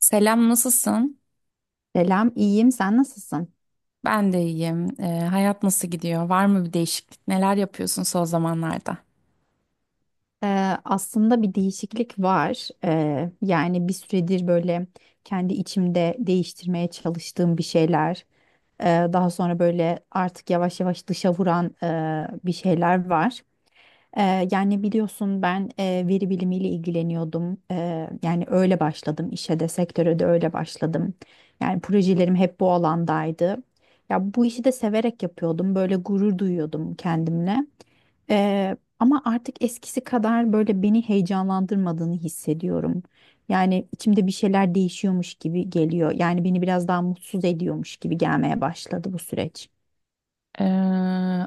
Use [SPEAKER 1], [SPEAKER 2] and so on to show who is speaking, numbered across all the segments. [SPEAKER 1] Selam, nasılsın?
[SPEAKER 2] Selam, iyiyim. Sen nasılsın?
[SPEAKER 1] Ben de iyiyim. Hayat nasıl gidiyor? Var mı bir değişiklik? Neler yapıyorsun son zamanlarda?
[SPEAKER 2] Ee, aslında bir değişiklik var. Yani bir süredir böyle kendi içimde değiştirmeye çalıştığım bir şeyler, e, daha sonra böyle artık yavaş yavaş dışa vuran bir şeyler var. Yani biliyorsun ben veri bilimiyle ilgileniyordum. Yani öyle başladım işe de sektöre de öyle başladım. Yani projelerim hep bu alandaydı. Ya bu işi de severek yapıyordum. Böyle gurur duyuyordum kendimle. Ama artık eskisi kadar böyle beni heyecanlandırmadığını hissediyorum. Yani içimde bir şeyler değişiyormuş gibi geliyor. Yani beni biraz daha mutsuz ediyormuş gibi gelmeye başladı bu süreç.
[SPEAKER 1] Ee,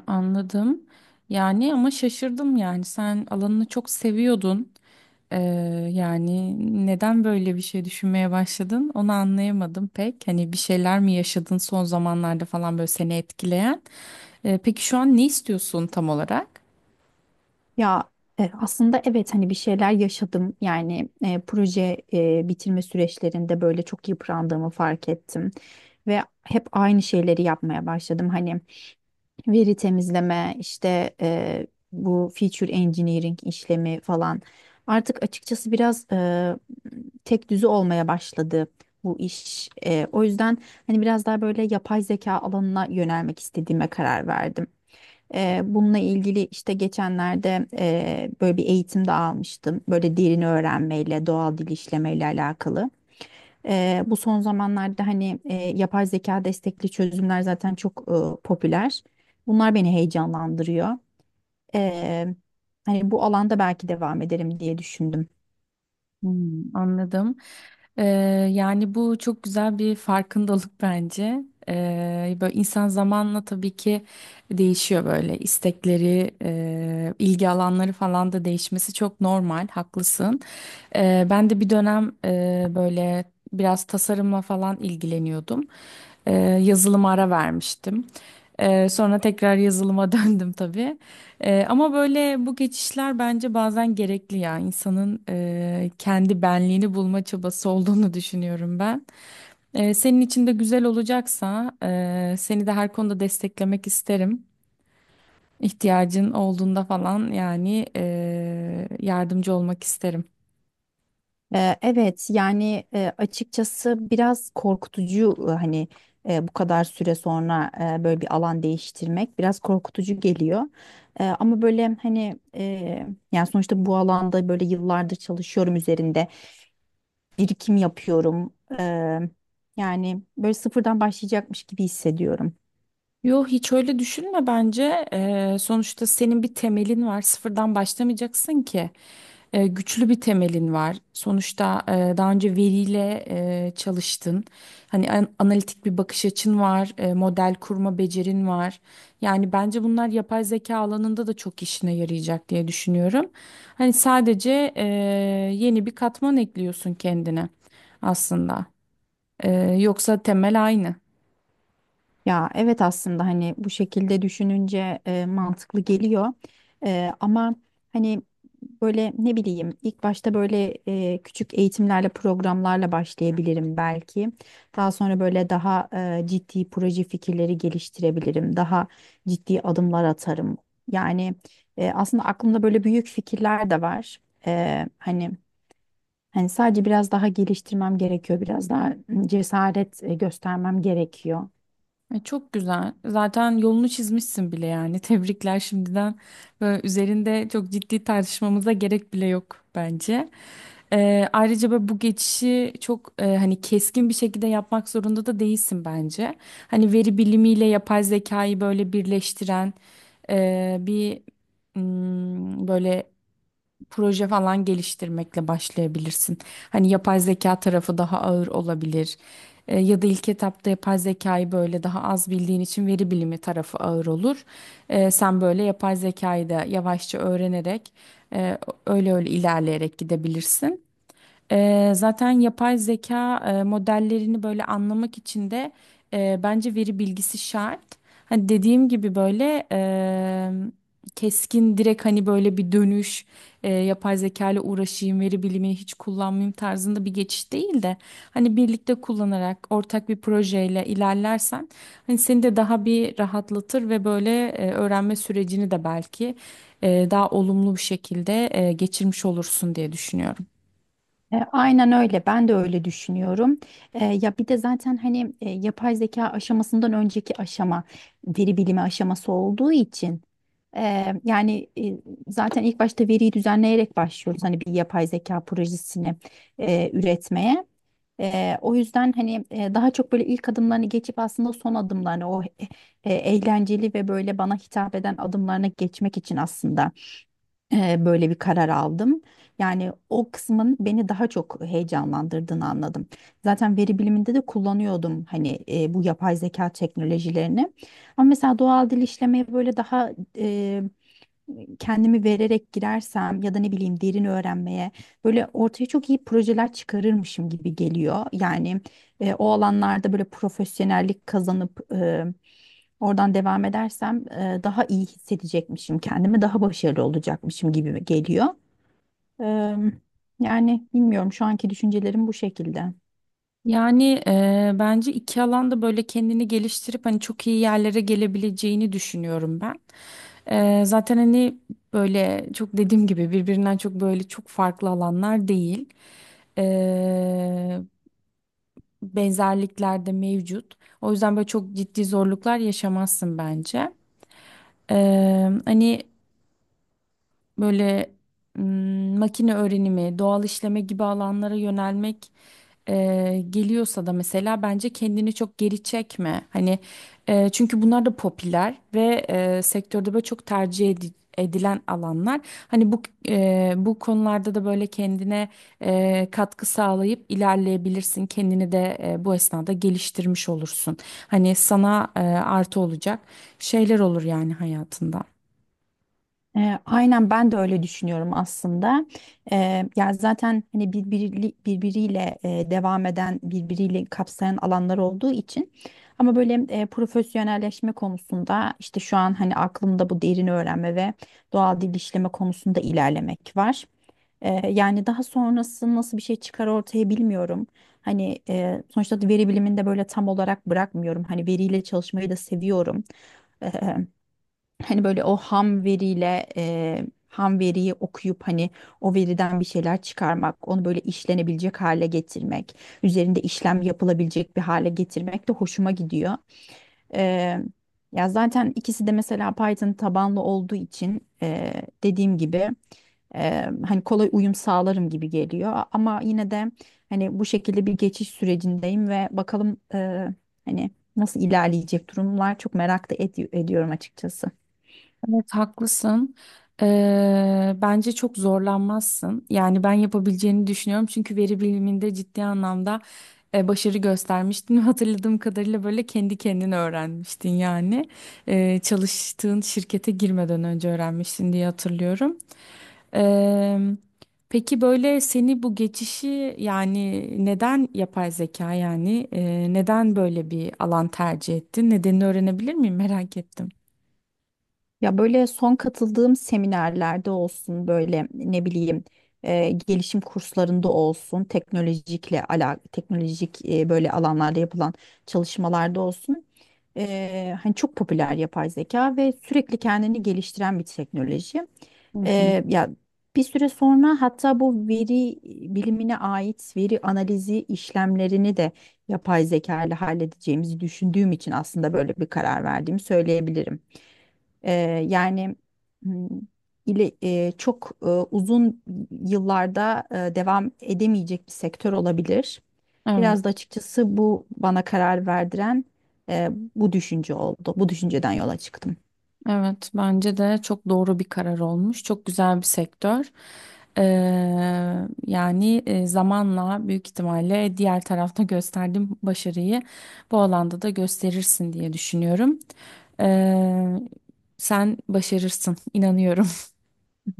[SPEAKER 1] Anladım. Yani ama şaşırdım yani. Sen alanını çok seviyordun. Ee, Yani neden böyle bir şey düşünmeye başladın? Onu anlayamadım pek. Hani bir şeyler mi yaşadın son zamanlarda falan böyle seni etkileyen? Peki şu an ne istiyorsun tam olarak?
[SPEAKER 2] Ya aslında evet hani bir şeyler yaşadım yani proje bitirme süreçlerinde böyle çok yıprandığımı fark ettim ve hep aynı şeyleri yapmaya başladım hani veri temizleme, işte bu feature engineering işlemi falan. Artık açıkçası biraz tek düze olmaya başladı bu iş. O yüzden hani biraz daha böyle yapay zeka alanına yönelmek istediğime karar verdim. Bununla ilgili işte geçenlerde böyle bir eğitim de almıştım. Böyle derin öğrenmeyle, doğal dil işlemeyle alakalı. Bu son zamanlarda hani yapay zeka destekli çözümler zaten çok popüler. Bunlar beni heyecanlandırıyor. Eee, Hani bu alanda belki devam ederim diye düşündüm.
[SPEAKER 1] Hmm, anladım. Ee, Yani bu çok güzel bir farkındalık bence. Böyle insan zamanla tabii ki değişiyor böyle istekleri, ilgi alanları falan da değişmesi çok normal, haklısın. Ben de bir dönem böyle biraz tasarımla falan ilgileniyordum. Ee, Yazılıma ara vermiştim. Sonra tekrar yazılıma döndüm tabii. Ama böyle bu geçişler bence bazen gerekli ya insanın kendi benliğini bulma çabası olduğunu düşünüyorum ben. Senin için de güzel olacaksa seni de her konuda desteklemek isterim. İhtiyacın olduğunda falan yani yardımcı olmak isterim.
[SPEAKER 2] Evet yani açıkçası biraz korkutucu, hani bu kadar süre sonra böyle bir alan değiştirmek biraz korkutucu geliyor. Ama böyle hani yani sonuçta bu alanda böyle yıllardır çalışıyorum üzerinde. Birikim yapıyorum. Yani böyle sıfırdan başlayacakmış gibi hissediyorum.
[SPEAKER 1] Yo hiç öyle düşünme bence. Sonuçta senin bir temelin var. Sıfırdan başlamayacaksın ki. Güçlü bir temelin var. Sonuçta daha önce veriyle çalıştın. Hani analitik bir bakış açın var. Model kurma becerin var. Yani bence bunlar yapay zeka alanında da çok işine yarayacak diye düşünüyorum. Hani sadece yeni bir katman ekliyorsun kendine aslında. Yoksa temel aynı.
[SPEAKER 2] Ya evet aslında hani bu şekilde düşününce mantıklı geliyor. Ama hani böyle ne bileyim ilk başta böyle küçük eğitimlerle programlarla başlayabilirim belki. Daha sonra böyle daha ciddi proje fikirleri geliştirebilirim. Daha ciddi adımlar atarım. Yani aslında aklımda böyle büyük fikirler de var. Eee, hani. Hani sadece biraz daha geliştirmem gerekiyor, biraz daha cesaret göstermem gerekiyor.
[SPEAKER 1] Çok güzel. Zaten yolunu çizmişsin bile yani. Tebrikler şimdiden. Böyle üzerinde çok ciddi tartışmamıza gerek bile yok bence. Ayrıca böyle bu geçişi çok hani keskin bir şekilde yapmak zorunda da değilsin bence. Hani veri bilimiyle yapay zekayı böyle birleştiren bir böyle proje falan geliştirmekle başlayabilirsin. Hani yapay zeka tarafı daha ağır olabilir. Ya da ilk etapta yapay zekayı böyle daha az bildiğin için veri bilimi tarafı ağır olur. Sen böyle yapay zekayı da yavaşça öğrenerek e, öyle öyle ilerleyerek gidebilirsin. Zaten yapay zeka modellerini böyle anlamak için de bence veri bilgisi şart. Hani dediğim gibi böyle keskin direkt hani böyle bir dönüş yapay zeka ile uğraşayım veri bilimi hiç kullanmayayım tarzında bir geçiş değil de hani birlikte kullanarak ortak bir projeyle ilerlersen hani seni de daha bir rahatlatır ve böyle öğrenme sürecini de belki daha olumlu bir şekilde geçirmiş olursun diye düşünüyorum.
[SPEAKER 2] Aynen öyle, ben de öyle düşünüyorum. Ya bir de zaten hani yapay zeka aşamasından önceki aşama veri bilimi aşaması olduğu için yani zaten ilk başta veriyi düzenleyerek başlıyoruz hani bir yapay zeka projesini üretmeye. O yüzden hani daha çok böyle ilk adımlarını geçip aslında son adımlarını eğlenceli ve böyle bana hitap eden adımlarına geçmek için aslında böyle bir karar aldım. Yani o kısmın beni daha çok heyecanlandırdığını anladım. Zaten veri biliminde de kullanıyordum hani bu yapay zeka teknolojilerini. Ama mesela doğal dil işlemeye böyle daha kendimi vererek girersem ya da ne bileyim derin öğrenmeye böyle ortaya çok iyi projeler çıkarırmışım gibi geliyor. Yani o alanlarda böyle profesyonellik kazanıp oradan devam edersem daha iyi hissedecekmişim kendimi, daha başarılı olacakmışım gibi geliyor. E, Yani bilmiyorum, şu anki düşüncelerim bu şekilde.
[SPEAKER 1] Yani bence iki alanda böyle kendini geliştirip hani çok iyi yerlere gelebileceğini düşünüyorum ben. Zaten hani böyle çok dediğim gibi birbirinden çok böyle çok farklı alanlar değil. Eee, Benzerlikler de mevcut. O yüzden böyle çok ciddi zorluklar yaşamazsın bence. Hani böyle makine öğrenimi, doğal işleme gibi alanlara yönelmek geliyorsa da mesela bence kendini çok geri çekme. Hani çünkü bunlar da popüler ve sektörde böyle çok edilen alanlar. Hani bu bu konularda da böyle kendine katkı sağlayıp ilerleyebilirsin. Kendini de bu esnada geliştirmiş olursun. Hani sana artı olacak şeyler olur yani hayatında.
[SPEAKER 2] Aynen ben de öyle düşünüyorum aslında. Ya zaten hani birbiriyle devam eden, birbiriyle kapsayan alanlar olduğu için. Ama böyle profesyonelleşme konusunda işte şu an hani aklımda bu derin öğrenme ve doğal dil işleme konusunda ilerlemek var. Yani daha sonrası nasıl bir şey çıkar ortaya bilmiyorum. Hani sonuçta veri bilimini de böyle tam olarak bırakmıyorum. Hani veriyle çalışmayı da seviyorum. Hani böyle o ham veriyle e, ham veriyi okuyup hani o veriden bir şeyler çıkarmak, onu böyle işlenebilecek hale getirmek, üzerinde işlem yapılabilecek bir hale getirmek de hoşuma gidiyor. E, Ya zaten ikisi de mesela Python tabanlı olduğu için dediğim gibi hani kolay uyum sağlarım gibi geliyor. Ama yine de hani bu şekilde bir geçiş sürecindeyim ve bakalım, hani nasıl ilerleyecek durumlar çok merak da ediyorum açıkçası.
[SPEAKER 1] Evet haklısın. Bence çok zorlanmazsın. Yani ben yapabileceğini düşünüyorum. Çünkü veri biliminde ciddi anlamda başarı göstermiştin. Hatırladığım kadarıyla böyle kendi kendine öğrenmiştin yani. Çalıştığın şirkete girmeden önce öğrenmiştin diye hatırlıyorum. Ee, peki böyle seni bu geçişi yani neden yapay zeka yani neden böyle bir alan tercih ettin? Nedenini öğrenebilir miyim? Merak ettim.
[SPEAKER 2] Ya böyle son katıldığım seminerlerde olsun böyle ne bileyim gelişim kurslarında olsun teknolojik böyle alanlarda yapılan çalışmalarda olsun hani çok popüler yapay zeka ve sürekli kendini geliştiren bir teknoloji.
[SPEAKER 1] Hı hı.
[SPEAKER 2] Ya bir süre sonra hatta bu veri bilimine ait veri analizi işlemlerini de yapay zeka ile halledeceğimizi düşündüğüm için aslında böyle bir karar verdiğimi söyleyebilirim. Ee, Yani hmm, ile çok uzun yıllarda devam edemeyecek bir sektör olabilir. Biraz da
[SPEAKER 1] Evet,
[SPEAKER 2] açıkçası bu bana karar verdiren e, bu düşünce oldu. Bu düşünceden yola çıktım.
[SPEAKER 1] evet bence de çok doğru bir karar olmuş. Çok güzel bir sektör. Ee, Yani zamanla büyük ihtimalle diğer tarafta gösterdiğim başarıyı bu alanda da gösterirsin diye düşünüyorum. Ee, Sen başarırsın, inanıyorum.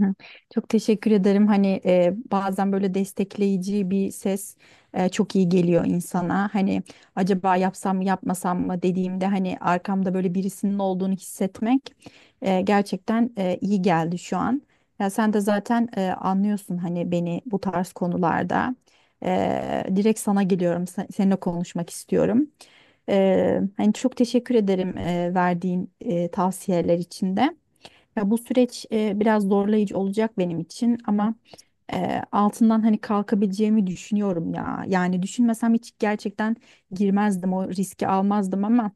[SPEAKER 2] Hı hı. Çok teşekkür ederim. Hani bazen böyle destekleyici bir ses çok iyi geliyor insana. Hani acaba yapsam mı yapmasam mı dediğimde hani arkamda böyle birisinin olduğunu hissetmek gerçekten iyi geldi şu an. Ya sen de zaten anlıyorsun hani beni bu tarz konularda. Direkt sana geliyorum. Seninle konuşmak istiyorum. Hani çok teşekkür ederim verdiğin tavsiyeler için de. Ya bu süreç biraz zorlayıcı olacak benim için, ama altından hani kalkabileceğimi düşünüyorum ya. Yani düşünmesem hiç gerçekten girmezdim, o riski almazdım, ama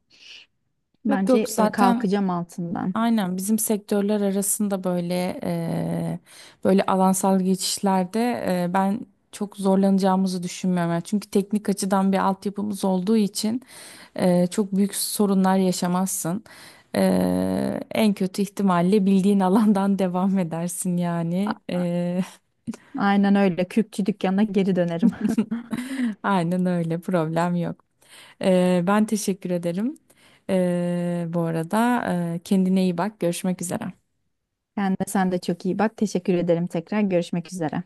[SPEAKER 1] Yok yok
[SPEAKER 2] bence
[SPEAKER 1] zaten
[SPEAKER 2] kalkacağım altından.
[SPEAKER 1] aynen bizim sektörler arasında böyle eee, böyle alansal geçişlerde ben çok zorlanacağımızı düşünmüyorum. Yani çünkü teknik açıdan bir altyapımız olduğu için çok büyük sorunlar yaşamazsın. En kötü ihtimalle bildiğin alandan devam edersin yani.
[SPEAKER 2] A- Aynen öyle. Kürkçü dükkanına geri dönerim.
[SPEAKER 1] Aynen öyle, problem yok. Ben teşekkür ederim. Bu arada kendine iyi bak, görüşmek üzere.
[SPEAKER 2] Kendine sen de çok iyi bak. Teşekkür ederim tekrar. Görüşmek üzere.